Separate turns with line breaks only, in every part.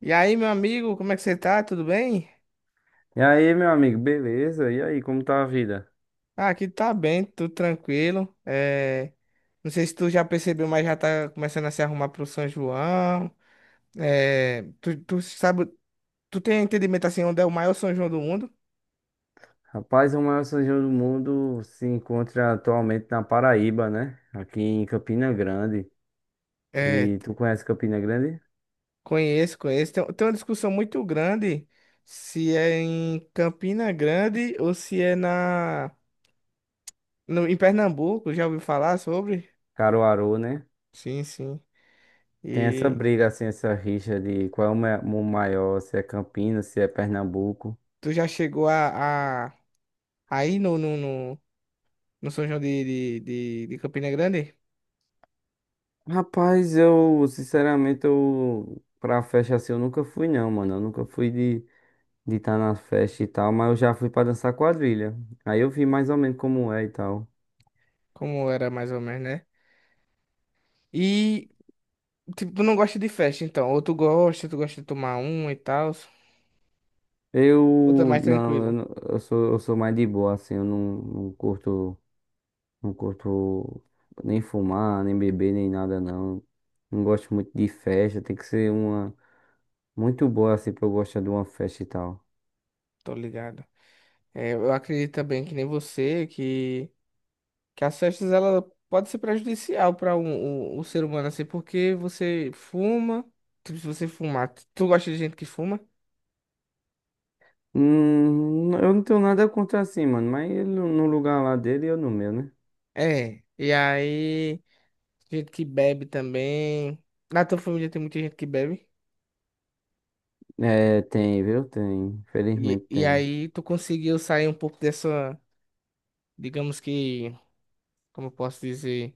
E aí, meu amigo, como é que você tá? Tudo bem?
E aí, meu amigo, beleza? E aí, como tá a vida?
Ah, aqui tá bem, tudo tranquilo. Não sei se tu já percebeu, mas já tá começando a se arrumar pro São João. Tu sabe, tu tem entendimento assim, onde é o maior São João do mundo?
Rapaz, o maior São João do mundo se encontra atualmente na Paraíba, né? Aqui em Campina Grande.
É,
E tu conhece Campina Grande?
conheço, conheço. Tem uma discussão muito grande se é em Campina Grande ou se é na, no, em Pernambuco. Já ouviu falar sobre?
Caruaru, né?
Sim, sim.
Tem essa
E
briga, assim, essa rixa de qual é o maior, se é Campinas, se é Pernambuco.
tu já chegou a ir no no São João de Campina Grande,
Rapaz, eu, sinceramente, eu, pra festa assim, eu nunca fui, não, mano. Eu nunca fui de estar de tá na festa e tal, mas eu já fui pra dançar quadrilha. Aí eu vi mais ou menos como é e tal.
como era mais ou menos, né? E, tipo, tu não gosta de festa, então. Ou tu gosta de tomar um e tal. Ou tu é
Eu
mais
não,
tranquilo,
eu, não- eu sou mais de boa, assim, eu não, não curto nem fumar, nem beber, nem nada, não. Não gosto muito de festa, tem que ser uma muito boa, assim, pra eu gostar de uma festa e tal.
tô ligado. É, eu acredito também que nem você, que as festas, ela pode ser prejudicial para um ser humano, assim, porque você fuma, tipo, se você fumar, tu gosta de gente que fuma?
Eu não tenho nada contra assim, mano, mas ele no lugar lá dele e eu no meu, né?
É, e aí, gente que bebe também. Na tua família tem muita gente que bebe?
É, tem, viu? Tem,
E,
infelizmente
e
tem.
aí tu conseguiu sair um pouco dessa, digamos que, como eu posso dizer,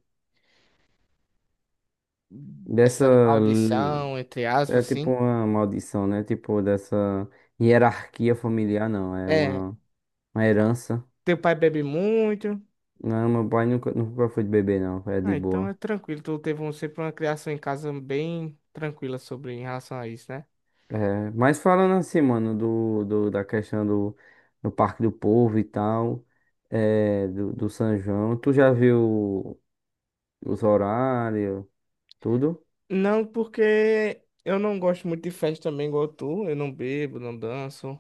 Dessa,
dessa
l-
maldição, entre
é
aspas,
tipo
assim.
uma maldição, né? Tipo, dessa hierarquia familiar, não, é
É,
uma herança.
teu pai bebe muito.
Não, meu pai nunca, nunca foi de beber, não. É de
Ah, então
boa.
é tranquilo. Tu teve um, sempre uma criação em casa bem tranquila sobre em relação a isso, né?
É, mas falando assim, mano, da questão do Parque do Povo e tal, é, do São João, tu já viu os horários, tudo?
Não, porque eu não gosto muito de festa também, igual tu. Eu não bebo, não danço,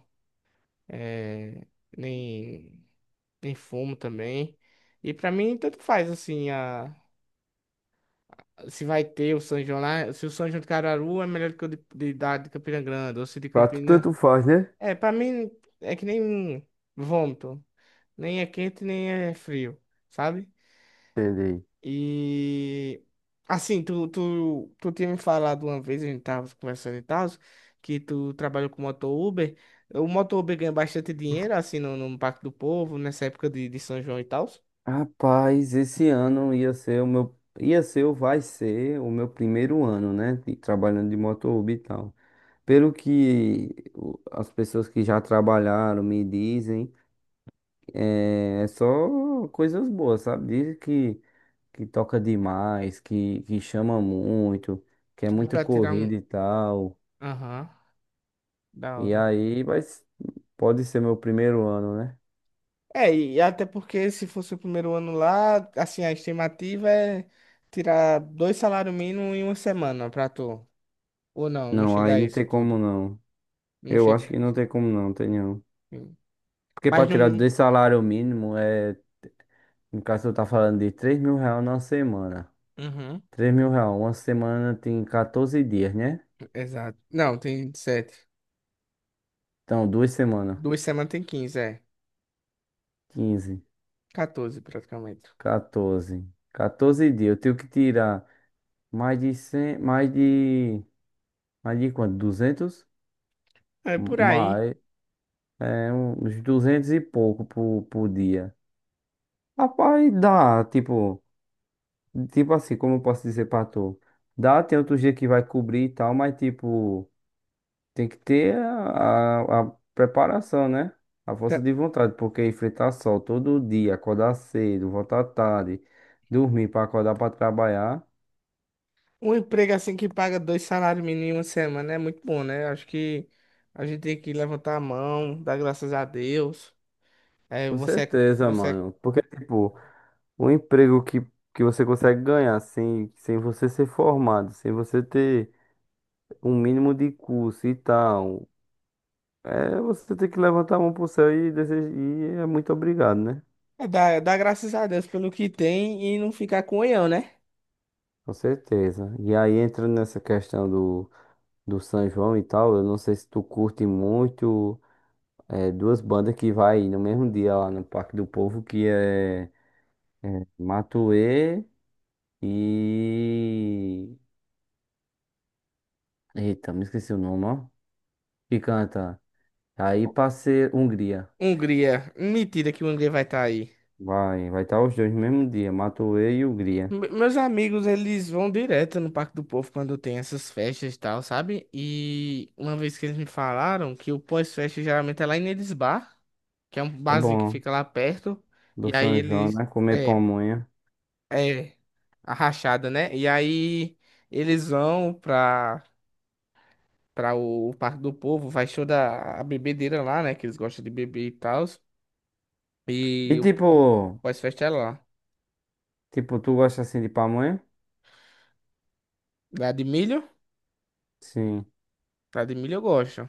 é, nem, nem fumo também. E pra mim, tanto faz, assim, a se vai ter o São João lá, se o São João de Caruaru é melhor que o de Campina Grande, ou se de
Pra tu
Campina.
tanto faz, né?
É, pra mim é que nem vômito. Nem é quente, nem é frio, sabe?
Entendi.
E assim, tu tinha me falado uma vez, a gente tava conversando e tal, que tu trabalhou com moto Uber. O moto Uber ganha bastante dinheiro, assim, no Pacto do Povo, nessa época de São João e tal.
Rapaz, esse ano ia ser o meu, ia ser ou vai ser o meu primeiro ano, né, trabalhando de motorhome e tal. As pessoas que já trabalharam me dizem, é, é só coisas boas, sabe? Dizem que toca demais, que chama muito, que é
Dá
muito
pra tirar um.
corrida e tal.
Aham, da
E
hora.
aí, mas pode ser meu primeiro ano, né?
É, e até porque se fosse o primeiro ano lá, assim, a estimativa é tirar dois salários mínimos em uma semana pra tu. Ou não, não
Não,
chega
aí
a
não
isso
tem como
tudo.
não.
Não
Eu
chega
acho que não
a
tem como não, tem não.
isso.
Porque pra
Mas
tirar
não.
2 salário mínimo é, no caso eu tá falando de R$ 3.000 na semana.
Uhum.
R$ 3.000, uma semana tem 14 dias, né?
Exato. Não, tem sete.
Então, 2 semanas,
Duas semanas tem 15 é.
15
14 praticamente.
14. 14 dias. Eu tenho que tirar mais de 100, mais de quanto? 200.
É por aí.
Mais, é, uns 200 e pouco por dia. Rapaz, dá, tipo, tipo assim, como eu posso dizer pra tu? Dá, tem outro dia que vai cobrir e tal, mas tipo, tem que ter a preparação, né? A força
Tá.
de vontade, porque enfrentar sol todo dia, acordar cedo, voltar tarde, dormir pra acordar pra trabalhar.
Um emprego assim que paga dois salários mínimos em uma semana é muito bom, né? Acho que a gente tem que levantar a mão, dar graças a Deus. É,
Com
você, é,
certeza,
você é
mano. Porque, tipo, o emprego que você consegue ganhar sem, sem você ser formado, sem você ter um mínimo de curso e tal, é você ter que levantar a mão pro céu e, desejar, e é muito obrigado, né?
É dar graças a Deus pelo que tem e não ficar com oião, né?
Com certeza. E aí, entrando nessa questão do São João e tal, eu não sei se tu curte muito é, duas bandas que vai no mesmo dia lá no Parque do Povo, que é Matuê e... Eita, me esqueci o nome, ó. Que canta. Aí passei Hungria.
Hungria. Mentira que o Hungria vai estar aí.
Vai estar os dois no mesmo dia, Matuê e Hungria.
Meus amigos, eles vão direto no Parque do Povo quando tem essas festas e tal, sabe? E uma vez que eles me falaram que o pós-festa geralmente é lá em Nedes Bar, que é um
É
barzinho que
bom,
fica lá perto. E
do
aí
São João,
eles.
né? Comer
É,
pamonha.
é. A rachada, né? E aí eles vão pra, pra o Parque do Povo, vai show da a bebedeira lá, né? Que eles gostam de beber e tal.
E
E o
tipo,
pós-festa é lá.
tu gosta assim de pamonha?
Lá de milho?
Sim.
Lá de milho eu gosto.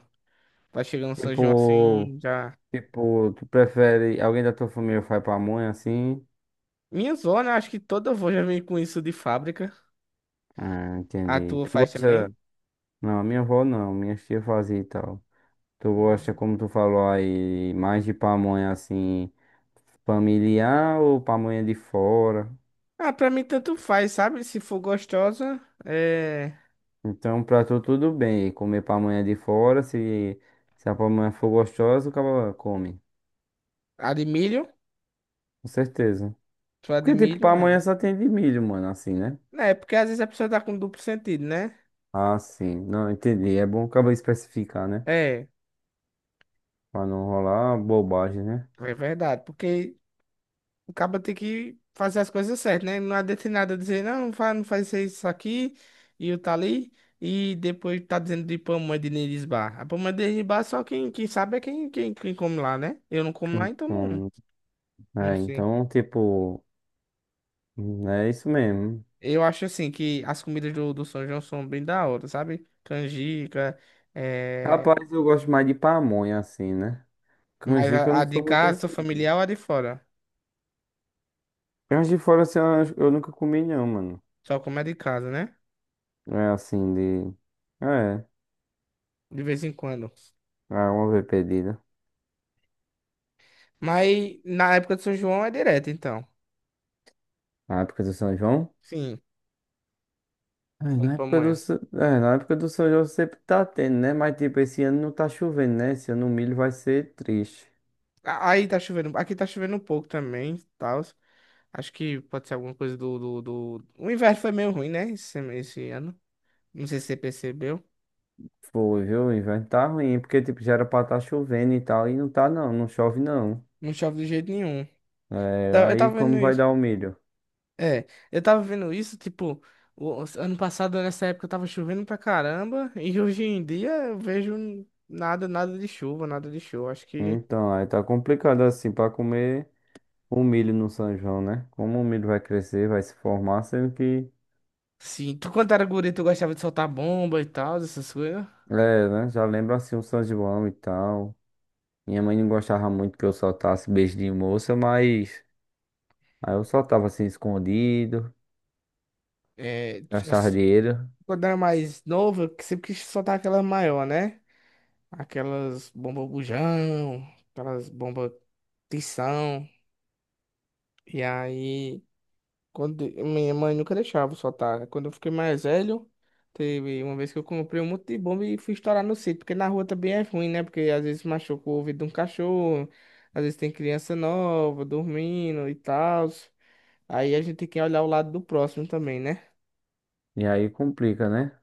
Tá chegando São João
Tipo,
assim, já.
tu prefere, alguém da tua família faz pamonha assim?
Minha zona, acho que toda avó já vem com isso de fábrica.
Ah,
A
entendi.
tua
Tu
faz também?
gosta, não, minha avó não, minha tia fazia e tal. Tu gosta, como tu falou aí, mais de pamonha assim, familiar ou pamonha de fora?
Ah, pra mim tanto faz, sabe? Se for gostosa, é.
Então, pra tu tudo bem. Comer pamonha de fora, se a pamonha for gostosa, o cara come.
A de milho.
Com certeza.
Só a de
Porque, tipo,
milho, aí.
pamonha só tem de milho, mano, assim, né?
É, porque às vezes a pessoa tá com duplo sentido, né?
Ah, sim. Não, entendi. É bom o especificar, né?
É,
Pra não rolar bobagem, né?
é verdade. Porque o cara tem que fazer as coisas certas, né? Não adianta de nada dizer, não, não faz, não faz isso aqui, e o tá ali, e depois tá dizendo de pamonha de Nerisbar. A pamonha de Nerisbar só quem, quem sabe é quem come lá, né? Eu não como lá, então não,
Hum,
não
é,
sei.
então, tipo, é isso mesmo.
Eu acho assim que as comidas do São João são bem da hora, sabe? Canjica, é...
Rapaz, eu gosto mais de pamonha, assim, né?
mas
Canjica eu
a
não
de
sou muito... fã.
casa, familiar ou a de fora?
Canjica fora, assim, eu nunca comi, não, mano.
Só como a de casa, né?
É assim, de... É,
De vez em quando.
é uma vez pedido.
Mas na época do São João é direto, então.
Na época do São João?
Sim,
É,
quando
na época do,
pamonha.
É, na época do São João sempre tá tendo, né? Mas tipo, esse ano não tá chovendo, né? Esse ano o milho vai ser triste.
Aí tá chovendo. Aqui tá chovendo um pouco também, tal. Acho que pode ser alguma coisa do O inverno foi meio ruim, né? Esse ano. Não sei se você percebeu.
Foi, viu? O inverno tá ruim, porque tipo, já era pra tá chovendo e tal, e não tá não, não chove não.
Não chove de jeito nenhum.
É,
Eu
aí
tava vendo
como vai
isso.
dar o milho?
É, eu tava vendo isso, tipo, ano passado, nessa época, tava chovendo pra caramba. E hoje em dia eu vejo nada, nada de chuva, nada de chuva. Acho que.
Então, aí tá complicado assim pra comer o milho no São João, né? Como o milho vai crescer, vai se formar, sendo que,
Sim. Tu, quando era guri, tu gostava de soltar bomba e tal, essas coisas.
é, né? Já lembra assim o São João e tal. Minha mãe não gostava muito que eu soltasse beijo de moça, mas. Aí eu só tava assim escondido,
É,
gastava dinheiro,
quando era mais novo, eu sempre quis soltar aquela maior, né? Aquelas bomba bujão, aquelas bomba tição. E aí, quando minha mãe nunca deixava eu soltar. Quando eu fiquei mais velho, teve uma vez que eu comprei um monte de bomba e fui estourar no sítio, porque na rua também é ruim, né? Porque às vezes machuca o ouvido de um cachorro, às vezes tem criança nova dormindo e tal. Aí a gente tem que olhar o lado do próximo também, né?
e aí complica, né?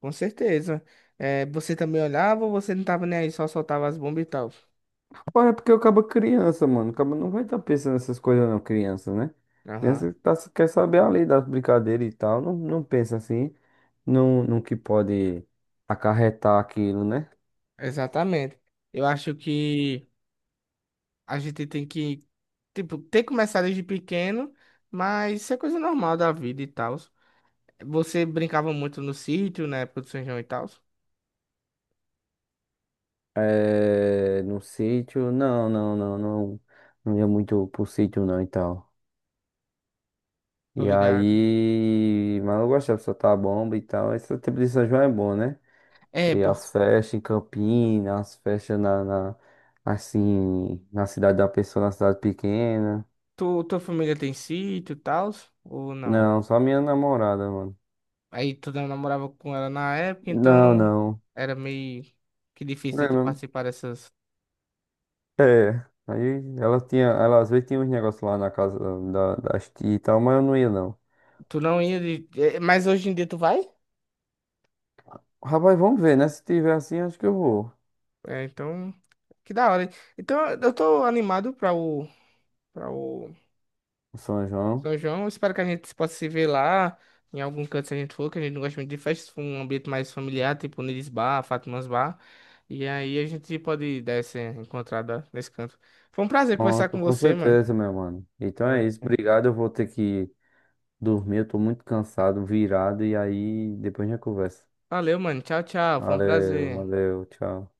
Com certeza. É, você também olhava ou você não tava nem aí, só soltava as bombas e tal?
Rapaz, é porque eu acabo criança, mano. Acaba não vai estar pensando nessas coisas não, criança, né?
Aham.
Criança tá, quer saber ali das brincadeiras e tal, não, não pensa assim, não, no que pode acarretar aquilo, né?
Exatamente. Eu acho que a gente tem que, tipo, ter começado desde pequeno, mas isso é coisa normal da vida e tal. Você brincava muito no sítio na época do São João e tal?
É, no sítio, não, não, não, não, não ia muito pro sítio não e tal.
Tô
E
ligado.
aí, mas eu gostava de soltar a bomba e tal, esse tempo de São João é bom, né?
É,
E
por
as festas em Campinas, as festas na, assim, na cidade da pessoa, na cidade pequena.
tu, tua família tem sítio e tal? Ou não?
Não, só minha namorada, mano.
Aí tu não namorava com ela na época,
Não,
então
não.
era meio que
É,
difícil de tu
mesmo?
participar dessas.
É. Aí ela tinha, ela às vezes tinha uns negócios lá na casa da, das tias e tal, mas eu não ia não.
Tu não ia de... eh, mas hoje em dia tu vai?
Rapaz, vamos ver, né? Se tiver assim, acho que eu vou.
É, então. Que da hora. Hein? Então eu tô animado pra o. Pra o
São João.
São João, eu espero que a gente possa se ver lá, em algum canto se a gente for, que a gente não gosta muito de festas, for um ambiente mais familiar, tipo Nilis Bar, Fátimas Bar. E aí a gente pode dar essa encontrada nesse canto. Foi um prazer conversar
Pronto,
com
com
você, mano.
certeza, meu mano. Então é isso,
É.
obrigado. Eu vou ter que dormir, eu tô muito cansado, virado, e aí depois a gente conversa.
Valeu, mano. Tchau, tchau. Foi um
Valeu,
prazer.
valeu, tchau.